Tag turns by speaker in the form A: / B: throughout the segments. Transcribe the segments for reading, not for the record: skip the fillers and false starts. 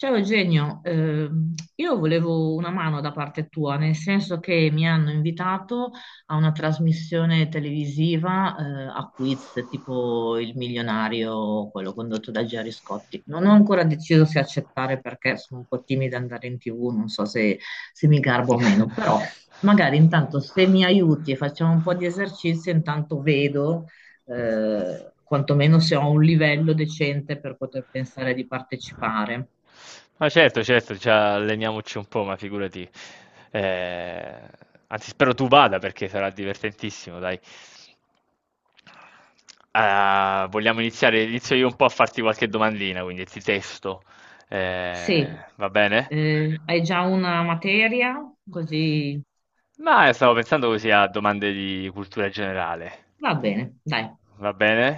A: Ciao Eugenio, io volevo una mano da parte tua, nel senso che mi hanno invitato a una trasmissione televisiva, a quiz tipo Il Milionario, quello condotto da Gerry Scotti. Non ho ancora deciso se accettare perché sono un po' timida ad andare in TV, non so se, se mi garbo o meno, però magari intanto se mi aiuti e facciamo un po' di esercizi, intanto vedo quantomeno se ho un livello decente per poter pensare di partecipare.
B: Ma certo, certo, ci alleniamoci un po', ma figurati. Eh, anzi, spero tu vada perché sarà divertentissimo, dai. Ah, vogliamo iniziare? Inizio io un po' a farti qualche domandina, quindi ti testo.
A: Sì,
B: Eh, va bene?
A: hai già una materia, così
B: Ma stavo pensando così a domande di cultura generale.
A: va bene, dai,
B: Va bene?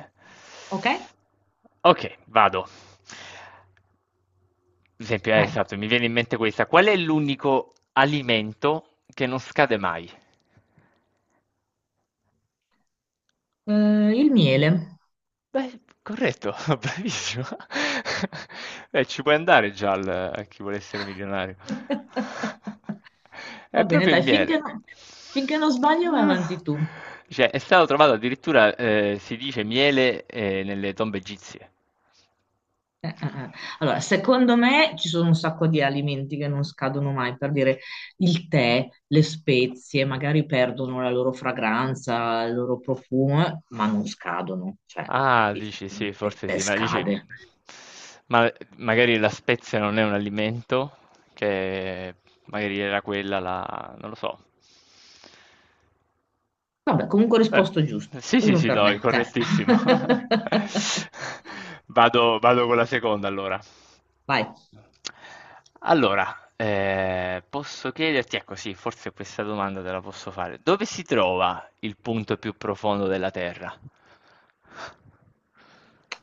A: ok?
B: Ok, vado. Per esempio,
A: Dai.
B: esatto, mi viene in mente questa. Qual è l'unico alimento che non scade mai?
A: Il miele.
B: Beh, corretto, bravissimo. Beh, ci puoi andare già a chi vuole essere milionario. È
A: Va bene,
B: proprio il
A: dai, finché,
B: miele.
A: no, finché non sbaglio vai avanti
B: Ah.
A: tu.
B: Cioè, è stato trovato addirittura, si dice, miele, nelle tombe egizie.
A: Eh. Allora, secondo me ci sono un sacco di alimenti che non scadono mai, per dire il tè, le spezie, magari perdono la loro fragranza, il loro profumo, ma non scadono, cioè
B: Ah, dici sì,
A: difficilmente il
B: forse
A: tè
B: sì,
A: scade.
B: ma magari la spezia non è un alimento, che magari era quella la, non lo so.
A: Vabbè, comunque ho
B: Beh,
A: risposto giusto.
B: sì, sì,
A: Uno
B: sì,
A: per
B: no, è
A: me, dai.
B: correttissimo. Vado con la seconda allora.
A: Vai.
B: Allora, posso chiederti, ecco sì, forse questa domanda te la posso fare. Dove si trova il punto più profondo della Terra?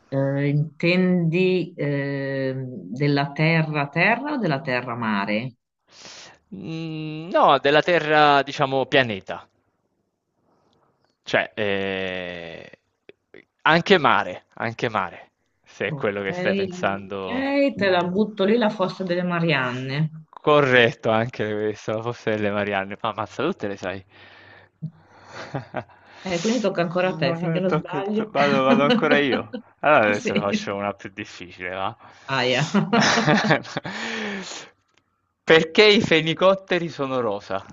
A: Intendi della terra-terra o della terra-mare?
B: Mhmm, no, della terra diciamo pianeta, cioè, anche mare, se è
A: Ok,
B: quello che stai pensando.
A: ok, te la butto lì la fossa delle Marianne.
B: Corretto, anche questo, la fossa delle Marianne. Ma ammazza, tutte le sai.
A: Quindi tocca ancora a te, finché non
B: Tocca a te.
A: sbaglio.
B: Vado ancora io. Allora
A: Ah
B: adesso ne
A: sì,
B: faccio una più difficile, va?
A: aia.
B: Perché i fenicotteri sono rosa?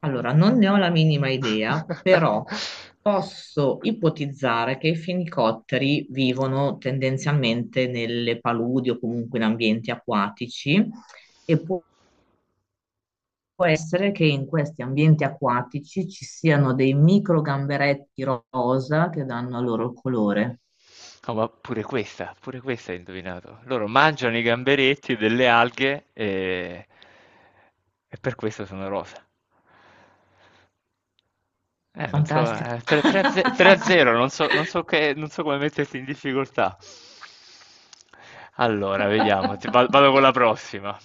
A: Allora, non ne ho la minima idea, però posso ipotizzare che i fenicotteri vivono tendenzialmente nelle paludi o comunque in ambienti acquatici e può essere che in questi ambienti acquatici ci siano dei micro gamberetti rosa che danno loro il colore.
B: No, ma pure questa hai indovinato. Loro mangiano i gamberetti delle alghe e per questo sono rosa. Non so,
A: Fantastico.
B: 3 a 0, non so, non so come metterti in difficoltà. Allora, vediamo, vado con la prossima.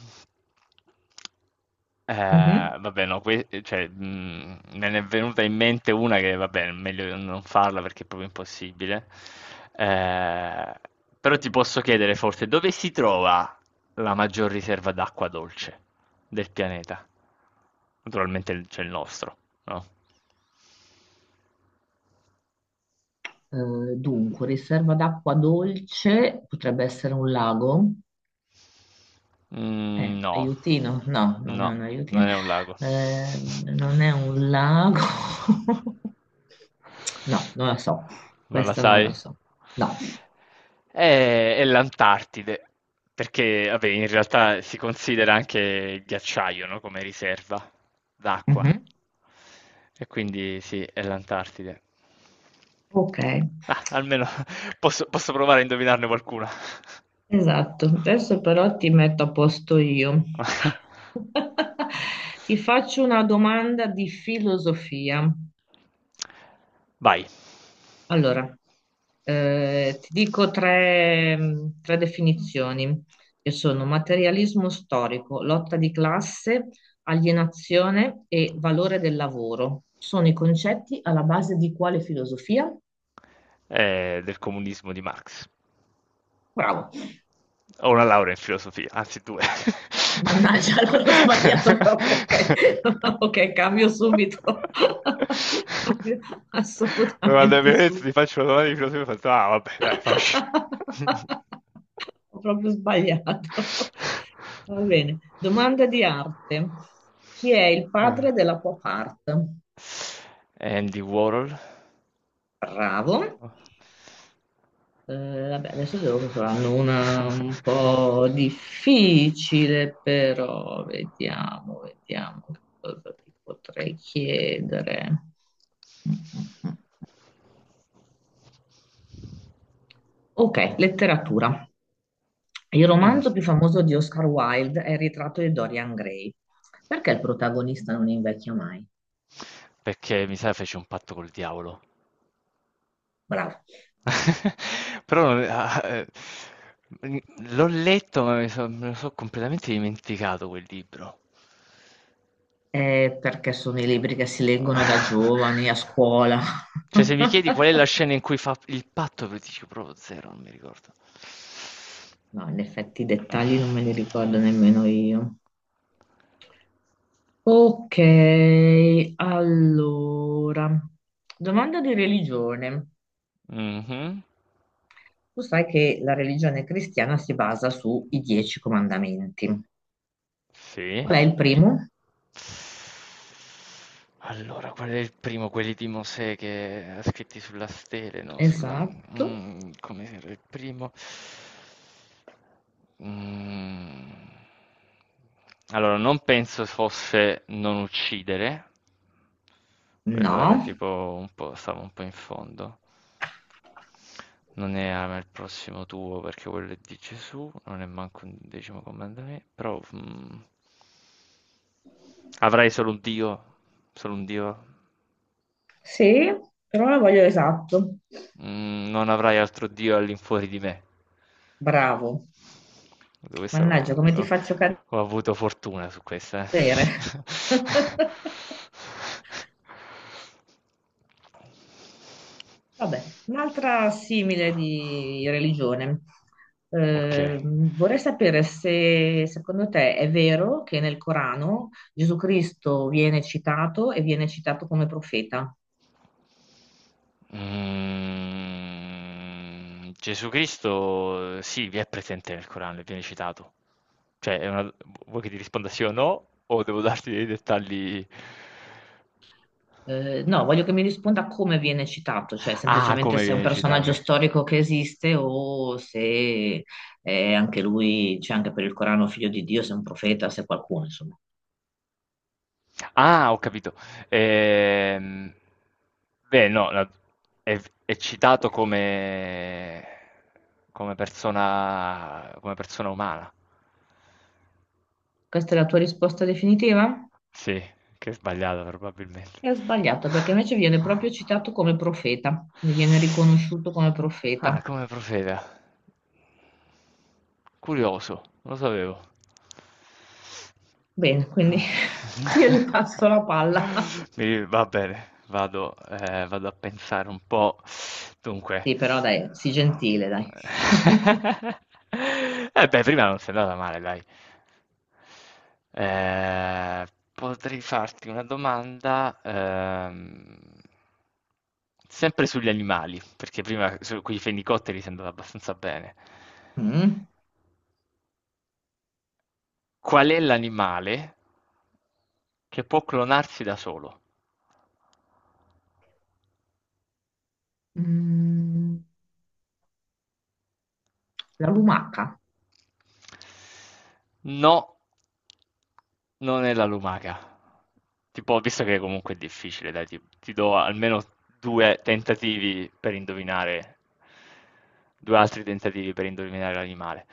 B: Eh,
A: Mhm.
B: vabbè, no, cioè, me ne è venuta in mente una che, vabbè, è meglio non farla perché è proprio impossibile. Eh, però ti posso chiedere forse dove si trova la maggior riserva d'acqua dolce del pianeta? Naturalmente c'è il nostro, no?
A: Dunque, riserva d'acqua dolce potrebbe essere un lago.
B: Mm, no,
A: Aiutino? No, non è
B: no,
A: un
B: non
A: aiutino.
B: è un lago.
A: Non è un lago. No, non la so.
B: Non la
A: Questa non la
B: sai?
A: so. No.
B: È l'Antartide, perché vabbè, in realtà si considera anche il ghiacciaio, no, come riserva d'acqua.
A: Mhm.
B: E quindi sì, è l'Antartide.
A: Ok,
B: Ah, almeno posso provare a indovinarne qualcuna.
A: esatto. Adesso però ti metto a posto io. Ti faccio una domanda di filosofia.
B: Vai.
A: Allora, ti dico tre, tre definizioni, che sono materialismo storico, lotta di classe, alienazione e valore del lavoro. Sono i concetti alla base di quale filosofia?
B: Del comunismo di Marx.
A: Bravo.
B: Ho una laurea in filosofia, anzi due.
A: Mannaggia, allora ho sbagliato proprio. Ok, ok, cambio subito. Cambio
B: Ma quando Mi manda il mio
A: assolutamente
B: pezzo, ti
A: subito.
B: faccio una domanda di filosofia, faccio, ah vabbè, dai, faccio.
A: Ho proprio sbagliato. Va bene. Domanda di arte. Chi è il
B: Eh,
A: padre della pop art?
B: Andy Warhol.
A: Bravo. Eh, vabbè, adesso devo saranno una un po' difficile, però vediamo, vediamo che cosa ti potrei chiedere. Mm, mm, mm. Ok, letteratura. Il
B: Mm.
A: romanzo più famoso di Oscar Wilde è Il ritratto di Dorian Gray. Perché il protagonista non invecchia mai?
B: Perché mi sa fece un patto col diavolo.
A: Bravo.
B: Però non- ah, mhmm, l'ho letto, ma mi so me lo so' completamente dimenticato quel libro.
A: Perché sono i libri che si leggono da giovani a scuola.
B: Cioè, se mi chiedi qual è la scena in cui fa il patto, ti dico proprio zero, non mi ricordo.
A: No, in effetti i dettagli non me li ricordo nemmeno io. Ok, allora, domanda di religione.
B: Mh-mh.
A: Tu sai che la religione cristiana si basa sui dieci comandamenti.
B: Sì.
A: Qual è il primo?
B: Allora, qual è il primo? Quelli di Mosè che scritti sulla stele, no?
A: Esatto,
B: Come era il primo? Mm. Allora, non penso fosse non uccidere, quello era
A: no,
B: tipo un po', stavo un po' in fondo. Non è ama il prossimo tuo perché quello è di Gesù, non è manco un decimo comandamento, però... mm. Avrai solo un Dio, solo un Dio.
A: sì, però la voglio esatto.
B: Mm, non avrai altro Dio all'infuori di me.
A: Bravo,
B: Questa
A: mannaggia, come ti faccio cadere?
B: ho avuto fortuna su questa. Eh.
A: Vabbè, un'altra simile di religione.
B: Ok.
A: Vorrei sapere se secondo te è vero che nel Corano Gesù Cristo viene citato e viene citato come profeta.
B: Mm, Gesù Cristo, sì, vi è presente nel Corano, viene citato. Cioè, vuoi che ti risponda sì o no? O devo darti dei dettagli?
A: No, voglio che mi risponda come viene citato, cioè
B: Ah,
A: semplicemente
B: come
A: se è un
B: viene
A: personaggio
B: citato?
A: storico che esiste o se è anche lui, c'è anche per il Corano figlio di Dio, se è un profeta, se è qualcuno, insomma.
B: Ah, ho capito. Ehm, beh, no, è, è citato come persona, umana.
A: Questa è la tua risposta definitiva?
B: Sì, che è sbagliata probabilmente.
A: E ho sbagliato perché invece viene proprio citato come profeta, quindi viene riconosciuto come
B: Ah,
A: profeta.
B: come profeta. Curioso, non lo sapevo.
A: Bene, quindi ti ripasso la palla.
B: Va bene, vado a pensare un po'. Dunque,
A: Sì, però dai, sii gentile, dai.
B: eh beh, prima non sei andata male, dai. Eh, potrei farti una domanda, sempre sugli animali, perché prima con i fenicotteri sei andata abbastanza bene.
A: Mm.
B: Qual è l'animale che può clonarsi da solo?
A: Mm, la lumaca.
B: No, non è la lumaca. Tipo, visto che comunque è difficile, dai, ti do almeno due tentativi per indovinare, due altri tentativi per indovinare l'animale.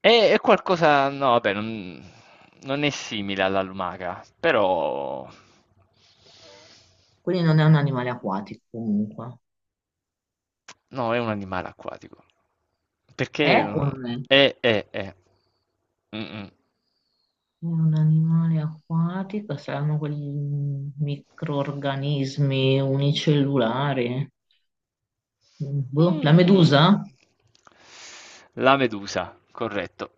B: È qualcosa, no, vabbè, non è simile alla lumaca, però.
A: Quindi non è un animale acquatico comunque.
B: No, è un animale acquatico.
A: È o
B: Perché.
A: non è? È
B: È, è. Mm, mm.
A: un animale acquatico, saranno quegli microrganismi unicellulari. Boh, la
B: Mm.
A: medusa?
B: La Medusa, corretto.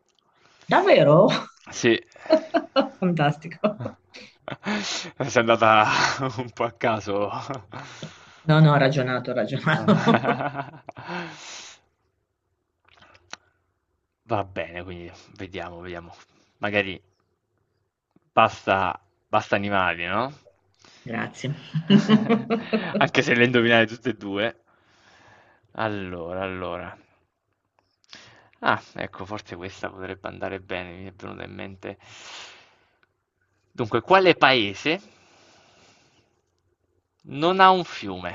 A: Davvero?
B: Sì.
A: Fantastico.
B: Sei andata un po' a caso.
A: No, no, ho ragionato, ho ragionato.
B: Va bene, quindi vediamo. Magari. Basta basta animali, no?
A: Grazie.
B: Anche se le indovinate tutte e due. Allora, allora. Ah, ecco, forse questa potrebbe andare bene, mi è venuta in mente. Dunque, quale paese non ha un fiume?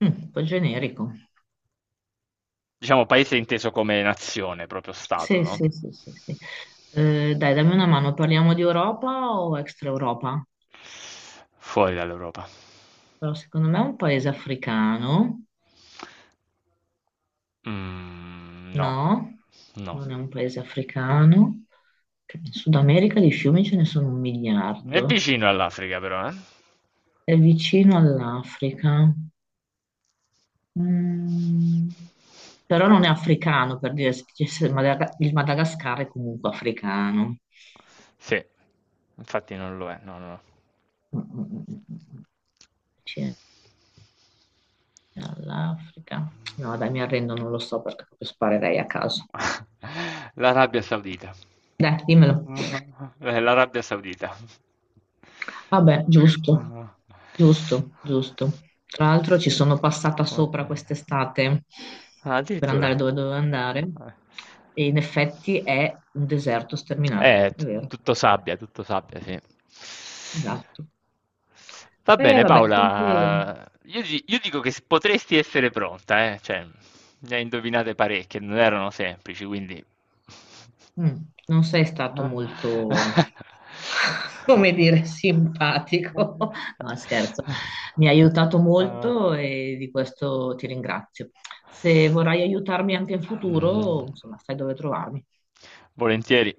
A: Mm, un po' generico.
B: Diciamo paese inteso come nazione, proprio stato,
A: Sì,
B: no?
A: sì, sì, sì, sì. Dai, dammi una mano, parliamo di Europa o extra Europa?
B: Fuori dall'Europa.
A: Però secondo me è un paese africano,
B: Mm, no,
A: no?
B: no.
A: Non è un paese africano. Che in Sud America di fiumi ce ne sono un
B: È
A: miliardo.
B: vicino all'Africa, però, eh?
A: È vicino all'Africa. Mm, però non è africano, per dire, se dicesse Madaga- il Madagascar è comunque africano.
B: Sì, infatti non lo è, no, no.
A: Mm, mm, mm, mm. Vicino all'Africa. No, dai, mi arrendo, non lo so perché proprio sparerei a caso.
B: L'Arabia Saudita.
A: Dai, dimmelo.
B: L'Arabia Saudita.
A: Vabbè, giusto,
B: Ah.
A: giusto, giusto. Tra l'altro ci sono passata
B: Come-
A: sopra quest'estate
B: Ah,
A: per
B: addirittura.
A: andare dove dovevo andare
B: Eh.
A: e in effetti è un deserto sterminato,
B: Eh,
A: è
B: t-
A: vero,
B: tutto sabbia, tutto sabbia, sì.
A: esatto.
B: Va
A: E
B: bene,
A: vabbè, quindi
B: Paola, io dico che potresti essere pronta, eh? Cioè, ne hai indovinate parecchie, non erano semplici, quindi.
A: mm, non sei stato molto, come dire, simpatico. No, scherzo. Mi hai aiutato
B: Ah.
A: molto e di questo ti ringrazio. Se vorrai aiutarmi anche in
B: Mhm.
A: futuro, insomma, sai dove trovarmi.
B: Volentieri.